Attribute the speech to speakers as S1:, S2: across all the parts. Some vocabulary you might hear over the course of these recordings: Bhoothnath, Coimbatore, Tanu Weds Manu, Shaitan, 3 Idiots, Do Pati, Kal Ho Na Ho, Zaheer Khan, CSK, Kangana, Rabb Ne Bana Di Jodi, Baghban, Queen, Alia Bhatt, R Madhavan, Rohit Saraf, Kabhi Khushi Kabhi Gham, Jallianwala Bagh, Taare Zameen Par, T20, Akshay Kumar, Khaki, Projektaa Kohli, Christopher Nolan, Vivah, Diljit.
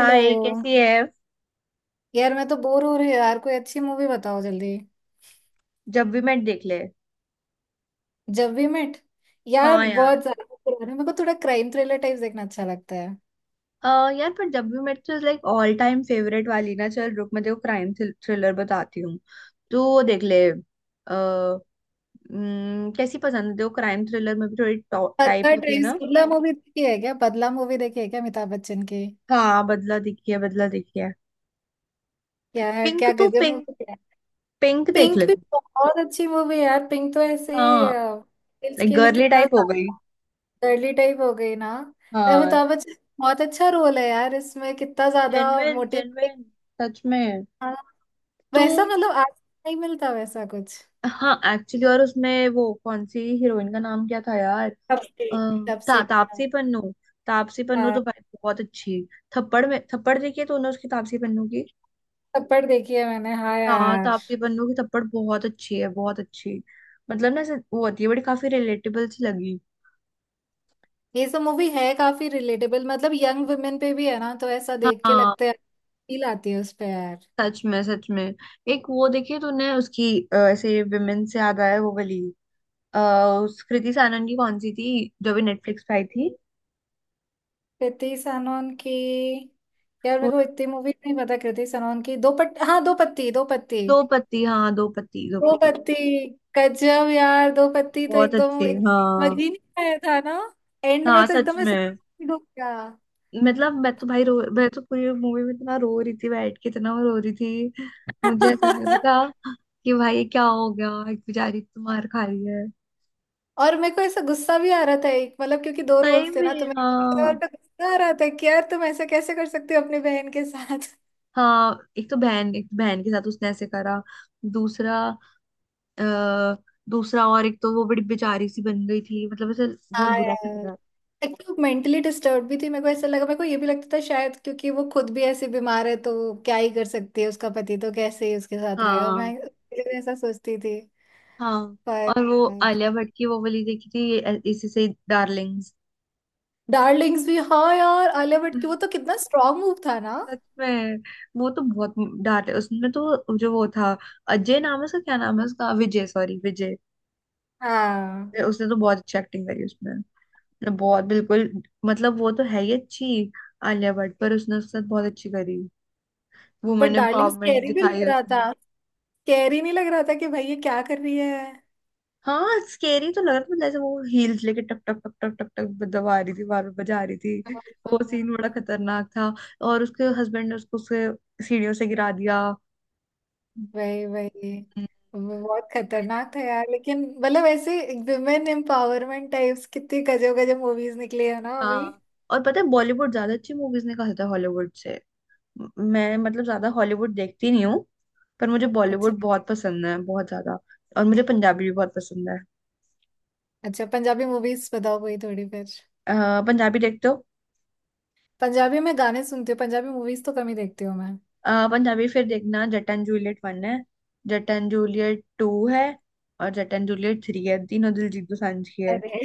S1: Hello.
S2: कैसी है।
S1: यार मैं तो बोर हो रही हूँ यार, कोई अच्छी मूवी बताओ जल्दी।
S2: जब वी मेट देख ले।
S1: जब वी मेट? यार
S2: हाँ यार।
S1: बहुत ज्यादा पुरानी। मेरे को थोड़ा क्राइम थ्रिलर टाइप देखना अच्छा लगता है।
S2: अ, यार, पर जब वी मेट तो लाइक ऑल टाइम फेवरेट वाली ना। चल रुक, मैं तेरे को क्राइम थ्रिलर बताती हूँ। तो वो देख ले कैसी पसंद है तेरे को क्राइम थ्रिलर में, भी थोड़ी टाइप
S1: बदला
S2: होती है
S1: टाइप,
S2: ना।
S1: बदला मूवी देखी है क्या? बदला मूवी देखी है क्या, अमिताभ बच्चन की?
S2: हाँ, बदला देखिए, बदला देखिए।
S1: यार
S2: पिंक,
S1: क्या
S2: तू
S1: गजब
S2: पिंक,
S1: मूवी है।
S2: पिंक देख
S1: पिंक
S2: ले
S1: भी
S2: तू।
S1: बहुत अच्छी मूवी है यार। पिंक तो ऐसे
S2: हाँ।
S1: रील्स
S2: लाइक
S1: के लिए
S2: गर्ली
S1: कितना
S2: टाइप हो गई।
S1: डर्ली टाइप हो गई ना।
S2: हाँ,
S1: अमिताभ बच्चन का बहुत अच्छा रोल है यार इसमें। कितना ज्यादा
S2: जेनविन
S1: मोटिव
S2: जेनविन। सच में। तू।
S1: वैसा, मतलब आज नहीं मिलता वैसा कुछ।
S2: हाँ, एक्चुअली। और उसमें वो कौन सी हीरोइन, का नाम क्या था यार?
S1: तब से, तब से।
S2: तापसी पन्नू। तापसी पन्नू
S1: हाँ,
S2: तो भाई बहुत अच्छी। थप्पड़, में थप्पड़ देखी है तूने उसकी, तापसी पन्नू की?
S1: थप्पड़ देखी है मैंने, हाँ
S2: हाँ,
S1: यार।
S2: तापसी पन्नू की थप्पड़ बहुत अच्छी है, बहुत अच्छी। मतलब ना ऐसे वो होती है बड़ी, काफी रिलेटेबल सी लगी।
S1: ये सब मूवी है काफी रिलेटेबल, मतलब यंग वुमेन पे भी है ना, तो ऐसा देख के
S2: हाँ,
S1: लगता है, फील आती है उस पे यार।
S2: सच में, सच में। एक वो देखी है तूने उसकी? ऐसे विमेन से याद आया, वो वाली। अ, उस कृति सानन की कौन सी थी? जो भी नेटफ्लिक्स पे आई थी।
S1: कृति सनोन की। यार मेरे
S2: वो
S1: को इतनी मूवी नहीं पता कृति सनोन की। दो पट हाँ दो पत्ती, दो पत्ती,
S2: दो पति, हाँ दो पति, दो
S1: दो
S2: पति।
S1: पत्ती। गजब यार, दो पत्ती तो
S2: बहुत
S1: एकदम
S2: अच्छे।
S1: एकदम समझ
S2: हाँ।
S1: ही नहीं आया था ना। एंड में
S2: हाँ,
S1: तो
S2: सच
S1: एकदम ऐसे
S2: में।
S1: डूब गया।
S2: मतलब, मैं तो पूरी मूवी में इतना रो रही थी, बैठ के इतना रो रही थी। मुझे ऐसा लग रहा था कि भाई ये क्या हो गया, एक बेचारी तो मार खा रही है।
S1: और मेरे को ऐसा गुस्सा भी आ रहा था, एक मतलब क्योंकि दो
S2: सही
S1: रोल्स थे
S2: में।
S1: ना, तो मैं
S2: हाँ।
S1: और तो गुस्सा आ रहा था कि यार तुम ऐसा कैसे कर सकती हो अपनी बहन के साथ।
S2: हाँ, एक तो बहन के साथ उसने ऐसे करा। दूसरा। अ, दूसरा, और एक तो वो बड़ी बेचारी सी बन गई थी, मतलब ऐसे।
S1: हाँ
S2: बहुत बुरा
S1: यार,
S2: सा लगा।
S1: एक्चुअली मेंटली डिस्टर्ब भी थी, मेरे को ऐसा लगा। मेरे को ये भी लगता था शायद क्योंकि वो खुद भी ऐसी बीमार है तो क्या ही कर सकती है, उसका पति तो कैसे ही उसके साथ रहेगा, मैं
S2: हाँ,
S1: इसलिए ऐसा सोचती थी
S2: हाँ।
S1: पर।
S2: और वो आलिया भट्ट की वो वाली देखी थी, इसी से, डार्लिंग्स।
S1: डार्लिंग्स भी, हाँ यार आलिया भट्ट की, वो तो कितना स्ट्रांग मूव था ना।
S2: सच में। वो तो बहुत। डांटे उसने तो, जो वो था। अजय नाम है उसका? क्या नाम है उसका? विजय, सॉरी, विजय।
S1: हाँ
S2: उसने तो बहुत अच्छी एक्टिंग करी उसमें। उसने बहुत, बिल्कुल। मतलब वो तो है ही अच्छी। आलिया भट्ट, पर उसने उसके साथ बहुत अच्छी करी।
S1: But
S2: women
S1: darling
S2: empowerment
S1: scary भी लग
S2: दिखाई
S1: रहा
S2: उसने।
S1: था। स्कैरी नहीं लग रहा था कि भाई ये क्या कर रही है।
S2: हाँ, स्केरी तो लग रहा था, मतलब ऐसे वो हील्स लेके टक टक टक टक टक टक दबा रही थी, बार बार बजा रही थी।
S1: हाँ, हाँ,
S2: वो सीन बड़ा
S1: हाँ।
S2: खतरनाक था। और उसके हस्बैंड ने उसको उससे सीढ़ियों से गिरा दिया।
S1: वही, वही
S2: हम्म,
S1: वो बहुत खतरनाक था यार, लेकिन मतलब ऐसे विमेन एम्पावरमेंट टाइप्स कितनी गजब गजब मूवीज निकली है ना अभी।
S2: हाँ, और पता है बॉलीवुड ज्यादा अच्छी मूवीज निकालता है हॉलीवुड से। मैं मतलब ज्यादा हॉलीवुड देखती नहीं हूँ। पर मुझे
S1: अच्छा।
S2: बॉलीवुड बहुत पसंद है, बहुत ज्यादा। और मुझे पंजाबी भी बहुत पसंद है।
S1: अच्छा पंजाबी मूवीज बताओ कोई थोड़ी फिर।
S2: अ, पंजाबी देखते हो?
S1: पंजाबी में गाने सुनती हूँ, पंजाबी मूवीज तो कम ही देखती हूँ मैं।
S2: पंजाबी फिर देखना। जट एंड जूलियट वन है। जट एंड जूलियट टू है। और जट एंड जूलियट थ्री है। तीनों दिलजीत दोसांझ की है।
S1: अरे,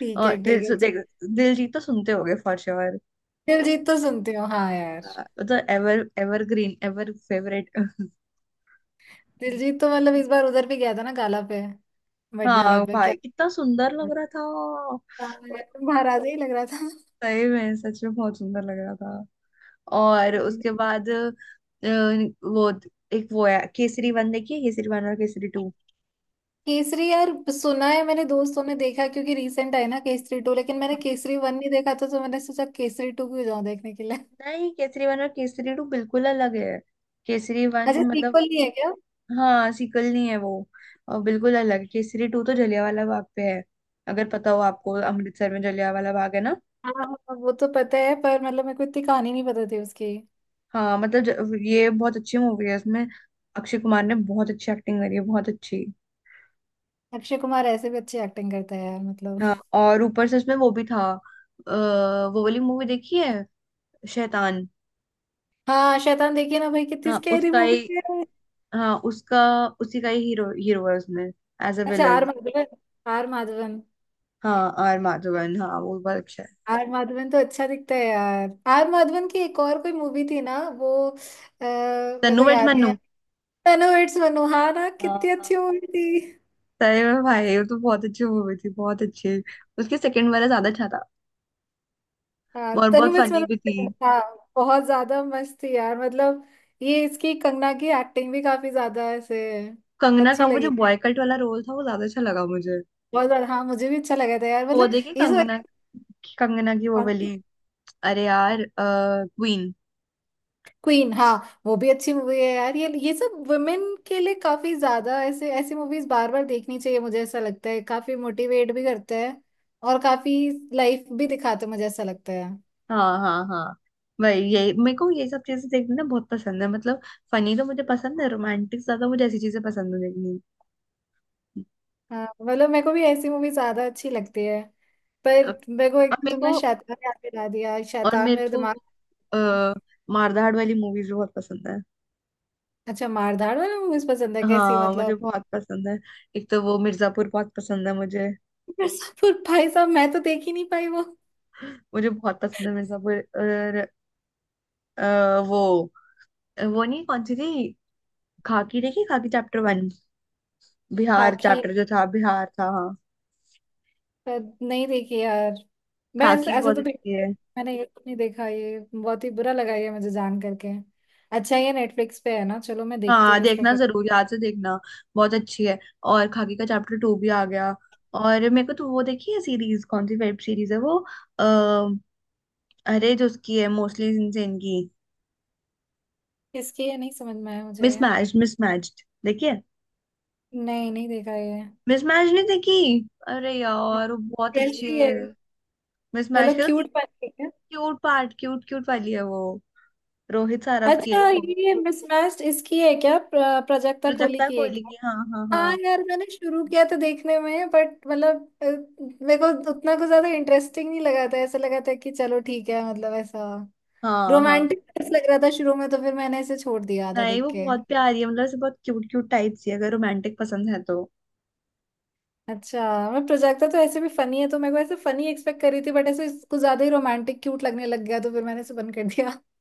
S1: ठीक
S2: और
S1: है, ठीक है चल।
S2: देख। दिलजीत तो सुनते होगे फॉर श्योर।
S1: दिलजीत तो सुनती हूँ, हाँ यार।
S2: तो ever evergreen, ever favourite.
S1: Diljit तो मतलब इस बार उधर भी गया था ना, गाला पे। मेट गाला
S2: हाँ
S1: पे क्या।
S2: भाई, कितना सुंदर लग रहा था।
S1: हाँ यार, महाराजा ही लग रहा
S2: सही में, सच में, बहुत सुंदर लग रहा था। और उसके
S1: था।
S2: बाद वो। एक वो है, केसरी वन देखिए, केसरी वन और केसरी टू।
S1: केसरी। यार सुना है मैंने, दोस्तों ने देखा क्योंकि रिसेंट आई ना केसरी टू, लेकिन मैंने केसरी वन नहीं देखा था तो मैंने सोचा केसरी टू क्यों जाऊं देखने के लिए।
S2: नहीं, केसरी वन और केसरी टू बिल्कुल अलग है। केसरी वन
S1: अच्छा
S2: मतलब।
S1: सीक्वल नहीं है क्या?
S2: हाँ, सीक्वल नहीं है वो। और बिल्कुल अलग है। केसरी टू तो जलियांवाला बाग पे है। अगर पता हो आपको, अमृतसर में जलियांवाला बाग है ना।
S1: हाँ। हाँ, वो तो पता है पर मतलब मेरे को इतनी कहानी नहीं पता थी उसकी।
S2: हाँ मतलब, ये बहुत अच्छी मूवी है इसमें। अक्षय कुमार ने बहुत अच्छी एक्टिंग करी है, बहुत अच्छी।
S1: अक्षय कुमार ऐसे भी अच्छी एक्टिंग करता है यार, मतलब।
S2: हाँ, और ऊपर से उसमें वो भी था। अ, वो वाली मूवी देखी है? शैतान।
S1: हाँ, शैतान देखिए ना भाई, कितनी
S2: हाँ,
S1: स्कैरी
S2: उसका ही।
S1: मूवी है।
S2: हाँ उसका। उसी का ही हीरो, हीरो है उसमें। एज अ
S1: अच्छा, R
S2: villain.
S1: Madhavan. R Madhavan.
S2: हाँ, आर माधवन, हाँ वो बहुत अच्छा है।
S1: आर माधवन तो अच्छा दिखता है यार। आर माधवन की एक और कोई मूवी थी ना वो, मेरे को
S2: तन्नू बट
S1: याद नहीं
S2: मन्नू।
S1: आ। तनु इट्स मनु, हाँ ना कितनी
S2: हाँ,
S1: अच्छी मूवी थी।
S2: सही में भाई वो तो बहुत अच्छी मूवी थी, बहुत अच्छी। उसके सेकंड वाला ज्यादा अच्छा था।
S1: हाँ,
S2: और
S1: तनु
S2: बहुत
S1: मिस
S2: फनी भी थी।
S1: मनोज, हाँ। बहुत ज्यादा मस्त थी यार, मतलब ये इसकी कंगना की एक्टिंग भी काफी ज्यादा ऐसे
S2: कंगना
S1: अच्छी
S2: का वो जो
S1: लगी,
S2: बॉयकट वाला रोल था, वो ज्यादा अच्छा लगा मुझे।
S1: बहुत ज्यादा। हाँ मुझे भी अच्छा लगा था यार,
S2: वो
S1: मतलब
S2: देखी
S1: ये सब।
S2: कंगना? कंगना की वो वाली। अरे यार, क्वीन।
S1: क्वीन, हाँ। वो भी अच्छी मूवी है यार। ये सब वुमेन के लिए काफी ज्यादा ऐसे ऐसी मूवीज बार बार देखनी चाहिए, मुझे ऐसा लगता है। काफी मोटिवेट भी करते हैं और काफी लाइफ भी दिखाते हैं, मुझे ऐसा लगता है।
S2: हाँ, हाँ, हाँ। वही, यही मेरे को ये सब चीजें देखना ना बहुत पसंद है, मतलब। फनी तो मुझे पसंद है, रोमांटिक ज्यादा, मुझे ऐसी चीजें पसंद है देखनी।
S1: हाँ मतलब मेरे को भी ऐसी मूवी ज्यादा अच्छी लगती है। पर मेरे को
S2: और
S1: एकदम
S2: मेरे
S1: तुमने
S2: को
S1: शैतान याद दिला दिया,
S2: और
S1: शैतान
S2: मेरे
S1: मेरे
S2: को
S1: दिमाग
S2: वो,
S1: में।
S2: अ, मारधाड़ वाली मूवीज बहुत पसंद है।
S1: अच्छा मारधाड़ वाली मूवीज पसंद है, कैसी
S2: हाँ, मुझे
S1: मतलब?
S2: बहुत पसंद है। एक तो वो मिर्जापुर बहुत पसंद है मुझे।
S1: मिर्जापुर भाई साहब, मैं तो देख ही नहीं पाई वो।
S2: मुझे बहुत पसंद है मिर्जापुर। और वो, नहीं, कौन सी थी। खाकी देखी? Khakee chapter one. Bihar
S1: Khakee
S2: chapter जो था, बिहार था हाँ।
S1: पर नहीं देखी यार। मैं ऐसे,
S2: खाकी
S1: ऐसे
S2: बहुत
S1: तो
S2: अच्छी है।
S1: मैंने ये नहीं देखा, ये बहुत ही बुरा लगा ये मुझे जान करके। अच्छा ये नेटफ्लिक्स पे है ना, चलो मैं देखती
S2: हाँ
S1: हूँ इसको
S2: देखना,
S1: फिर।
S2: जरूर याद से देखना। बहुत अच्छी है। और खाकी का चैप्टर टू भी आ गया। और मेरे को तो वो देखी है सीरीज, कौन सी वेब सीरीज है वो। अः अरे, जो उसकी है मोस्टली इनसेन की।
S1: किसकी है, नहीं समझ में आया मुझे ये।
S2: मिसमैच, मिसमैच्ड देखिए।
S1: नहीं, नहीं देखा ये।
S2: मिसमैच नहीं देखी? अरे यार, वो बहुत अच्छी
S1: कैसी है,
S2: है। मिसमैच
S1: मतलब
S2: का तो।
S1: क्यूट वाली?
S2: क्यूट पार्ट, क्यूट क्यूट वाली है वो। रोहित सारफ की
S1: अच्छा
S2: है वो।
S1: ये मिसमैच्ड इसकी है क्या, प्राजक्ता कोहली
S2: प्रोजक्ता
S1: की है
S2: कोहली
S1: क्या?
S2: की, हाँ, हाँ, हाँ।
S1: हाँ यार मैंने शुरू किया तो देखने में, बट मतलब अ, मेरे को उतना कुछ ज्यादा इंटरेस्टिंग नहीं लगा था, ऐसा लगा था कि चलो ठीक है, मतलब ऐसा
S2: हाँ, हाँ।
S1: रोमांटिक लग रहा था शुरू में, तो फिर मैंने इसे छोड़ दिया आधा
S2: नहीं,
S1: देख
S2: वो
S1: के।
S2: बहुत प्यारी है, मतलब ऐसे बहुत क्यूट क्यूट टाइप सी है, अगर रोमांटिक पसंद है तो।
S1: अच्छा मैं, प्रोजेक्टा तो ऐसे भी फनी है तो मेरे को ऐसे फनी एक्सपेक्ट कर रही थी, बट ऐसे कुछ ज्यादा ही रोमांटिक क्यूट लगने लग गया, तो फिर मैंने इसे बंद कर दिया।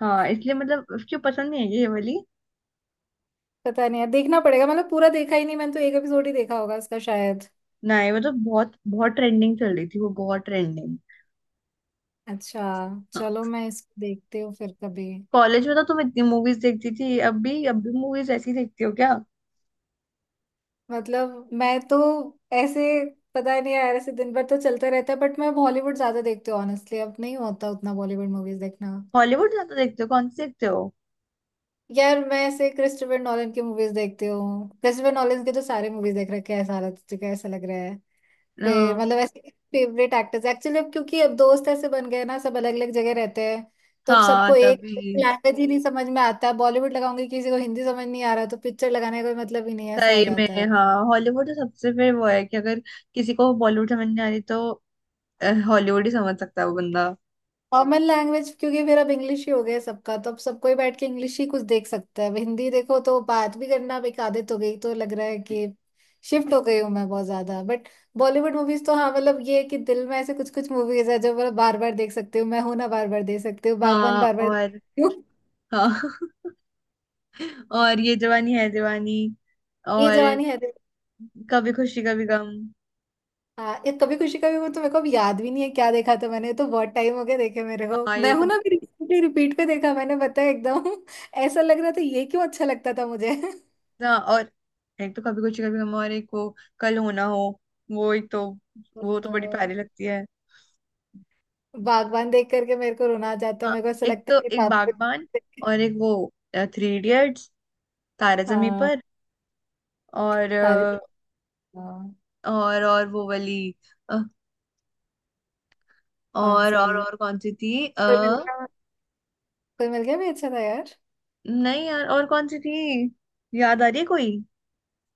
S2: हाँ, इसलिए मतलब उसकी पसंद नहीं है ये वाली।
S1: पता नहीं यार, देखना पड़ेगा। मतलब पूरा देखा ही नहीं मैंने तो, एक एपिसोड ही देखा होगा उसका शायद।
S2: नहीं मतलब, बहुत बहुत ट्रेंडिंग चल रही थी वो, बहुत ट्रेंडिंग।
S1: अच्छा, चलो मैं इसको देखती हूँ फिर कभी।
S2: कॉलेज में तो तुम इतनी मूवीज देखती थी, अब भी मूवीज ऐसी देखती हो क्या?
S1: मतलब मैं तो ऐसे, पता नहीं यार, ऐसे दिन भर तो चलते रहता है, बट मैं बॉलीवुड ज्यादा देखती हूँ ऑनेस्टली, अब नहीं होता उतना बॉलीवुड मूवीज देखना।
S2: हॉलीवुड ज्यादा देखते हो? कौन सी देखते हो?
S1: यार मैं ऐसे क्रिस्टोफर नॉलन की मूवीज देखती हूँ, क्रिस्टोफर नॉलन के तो सारे मूवीज देख रखे हैं। सारा तुझे कैसा लग रहा है? फिर
S2: हाँ,
S1: मतलब ऐसे फेवरेट एक्टर्स। एक्चुअली अब क्योंकि अब दोस्त ऐसे बन गए ना, सब अलग अलग जगह रहते हैं, तो अब
S2: हाँ
S1: सबको एक
S2: तभी।
S1: लैंग्वेज ही नहीं समझ में आता। बॉलीवुड लगाऊंगी किसी को हिंदी समझ नहीं आ रहा, तो पिक्चर लगाने का कोई मतलब ही नहीं है, ऐसा हो
S2: सही में।
S1: जाता है।
S2: हाँ, हॉलीवुड तो सबसे, फिर वो है कि अगर किसी को बॉलीवुड समझ नहीं आ रही तो हॉलीवुड ही समझ सकता है वो बंदा।
S1: कॉमन लैंग्वेज क्योंकि फिर अब इंग्लिश ही हो गया है सबका, तो अब सबको ही बैठ के इंग्लिश ही कुछ देख सकता है। अब हिंदी देखो तो बात भी करना अब एक आदत हो गई, तो लग रहा है कि शिफ्ट हो गई हूँ मैं बहुत ज्यादा। बट बॉलीवुड मूवीज तो हाँ, मतलब ये है कि दिल में ऐसे कुछ कुछ मूवीज है जो मैं बार बार देख सकती हूँ। मैं हूं ना बार बार देख सकती हूँ, बागबान
S2: हाँ,
S1: बार बार।
S2: और हाँ। और ये जवानी है दीवानी।
S1: ये
S2: और
S1: जवानी है दीवानी।
S2: कभी खुशी कभी गम।
S1: हाँ, ये कभी खुशी कभी गम तो मेरे को अब याद भी नहीं है क्या देखा था मैंने। ये तो बहुत टाइम हो गया देखे मेरे
S2: हाँ
S1: को, मैं
S2: ये तो
S1: हूं ना
S2: बहुत-।
S1: अभी रिसेंटली रिपीट पे देखा मैंने, पता है एकदम ऐसा लग रहा था ये क्यों अच्छा लगता था मुझे।
S2: हाँ, और एक तो कभी कुछ कभी हम, और एक वो, कल होना हो। वो एक तो, वो तो बड़ी
S1: तो,
S2: प्यारी लगती है।
S1: बागबान देख करके मेरे को रोना आ जाता है।
S2: हाँ,
S1: मेरे को ऐसा
S2: एक
S1: लगता है
S2: तो
S1: कि
S2: एक
S1: तारे।
S2: बागबान। और एक वो, थ्री इडियट्स, तारे जमी
S1: हाँ
S2: पर। और अ,
S1: तारे। हाँ,
S2: और वो वाली। अ,
S1: कौन
S2: और
S1: सी?
S2: और और कौन सी थी,
S1: कोई मिल गया। कोई मिल गया भी अच्छा था यार।
S2: नहीं यार, और कौन सी थी? याद आ रही है कोई?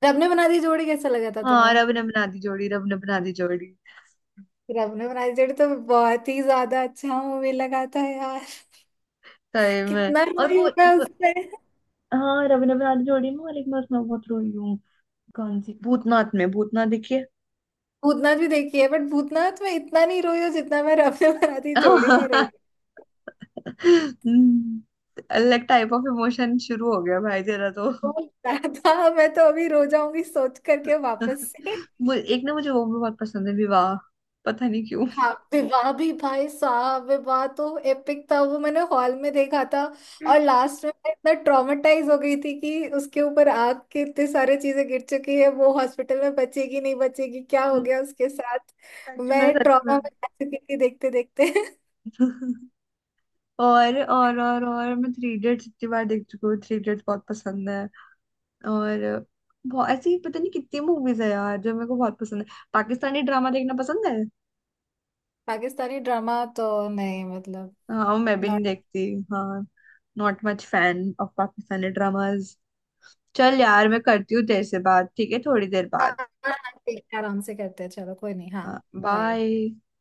S1: रब ने बना दी जोड़ी कैसा लगा था
S2: हाँ,
S1: तुम्हें?
S2: रब ने बना दी जोड़ी, रब ने बना दी जोड़ी।
S1: रब ने बना दी जोड़ी तो बहुत ही ज्यादा अच्छा मूवी लगा था यार,
S2: सही में।
S1: कितना
S2: और
S1: रोई
S2: वो,
S1: हूँ मैं
S2: वो
S1: उससे।
S2: हाँ, रब ने बना दी जोड़ी में, और एक मैं उसमें बहुत रोई हूँ। कौन सी? भूतनाथ में? भूतनाथ देखिए।
S1: भूतनाथ भी देखी है बट भूतनाथ में इतना नहीं रोई हूँ जितना मैं रफे बराती जोड़ी
S2: हम्म।
S1: में रोई।
S2: अलग टाइप ऑफ इमोशन शुरू हो गया भाई, तेरा तो।
S1: बहुत ज्यादा, मैं तो अभी रो जाऊंगी सोच करके वापस से।
S2: एक ना मुझे वो भी बहुत पसंद है, विवाह। पता नहीं क्यों।
S1: हाँ, विवाह भी भाई साहब, विवाह तो एपिक था। वो मैंने हॉल में देखा था, और लास्ट में मैं इतना ट्रॉमेटाइज हो गई थी कि उसके ऊपर आग के इतने सारे चीजें गिर चुकी है, वो हॉस्पिटल में बचेगी, नहीं बचेगी, क्या हो
S2: हम्म,
S1: गया उसके साथ।
S2: सच में,
S1: मैं
S2: सच में।
S1: ट्रॉमा में आ चुकी थी देखते देखते।
S2: और मैं थ्री इडियट्स इतनी बार देख चुकी हूँ, थ्री इडियट्स बहुत पसंद है। और बहुत ऐसी, पता नहीं कितनी मूवीज है यार जो मेरे को बहुत पसंद है। पाकिस्तानी ड्रामा देखना पसंद है?
S1: पाकिस्तानी ड्रामा तो नहीं, मतलब।
S2: हाँ, मैं भी नहीं देखती। हाँ। Not much fan of Pakistani dramas. चल यार, मैं करती हूँ तेरे से बात, ठीक है? थोड़ी देर
S1: हाँ
S2: बाद।
S1: हाँ, हाँ, ठीक है, आराम से करते हैं, चलो कोई नहीं, हाँ। बाय।
S2: बाय।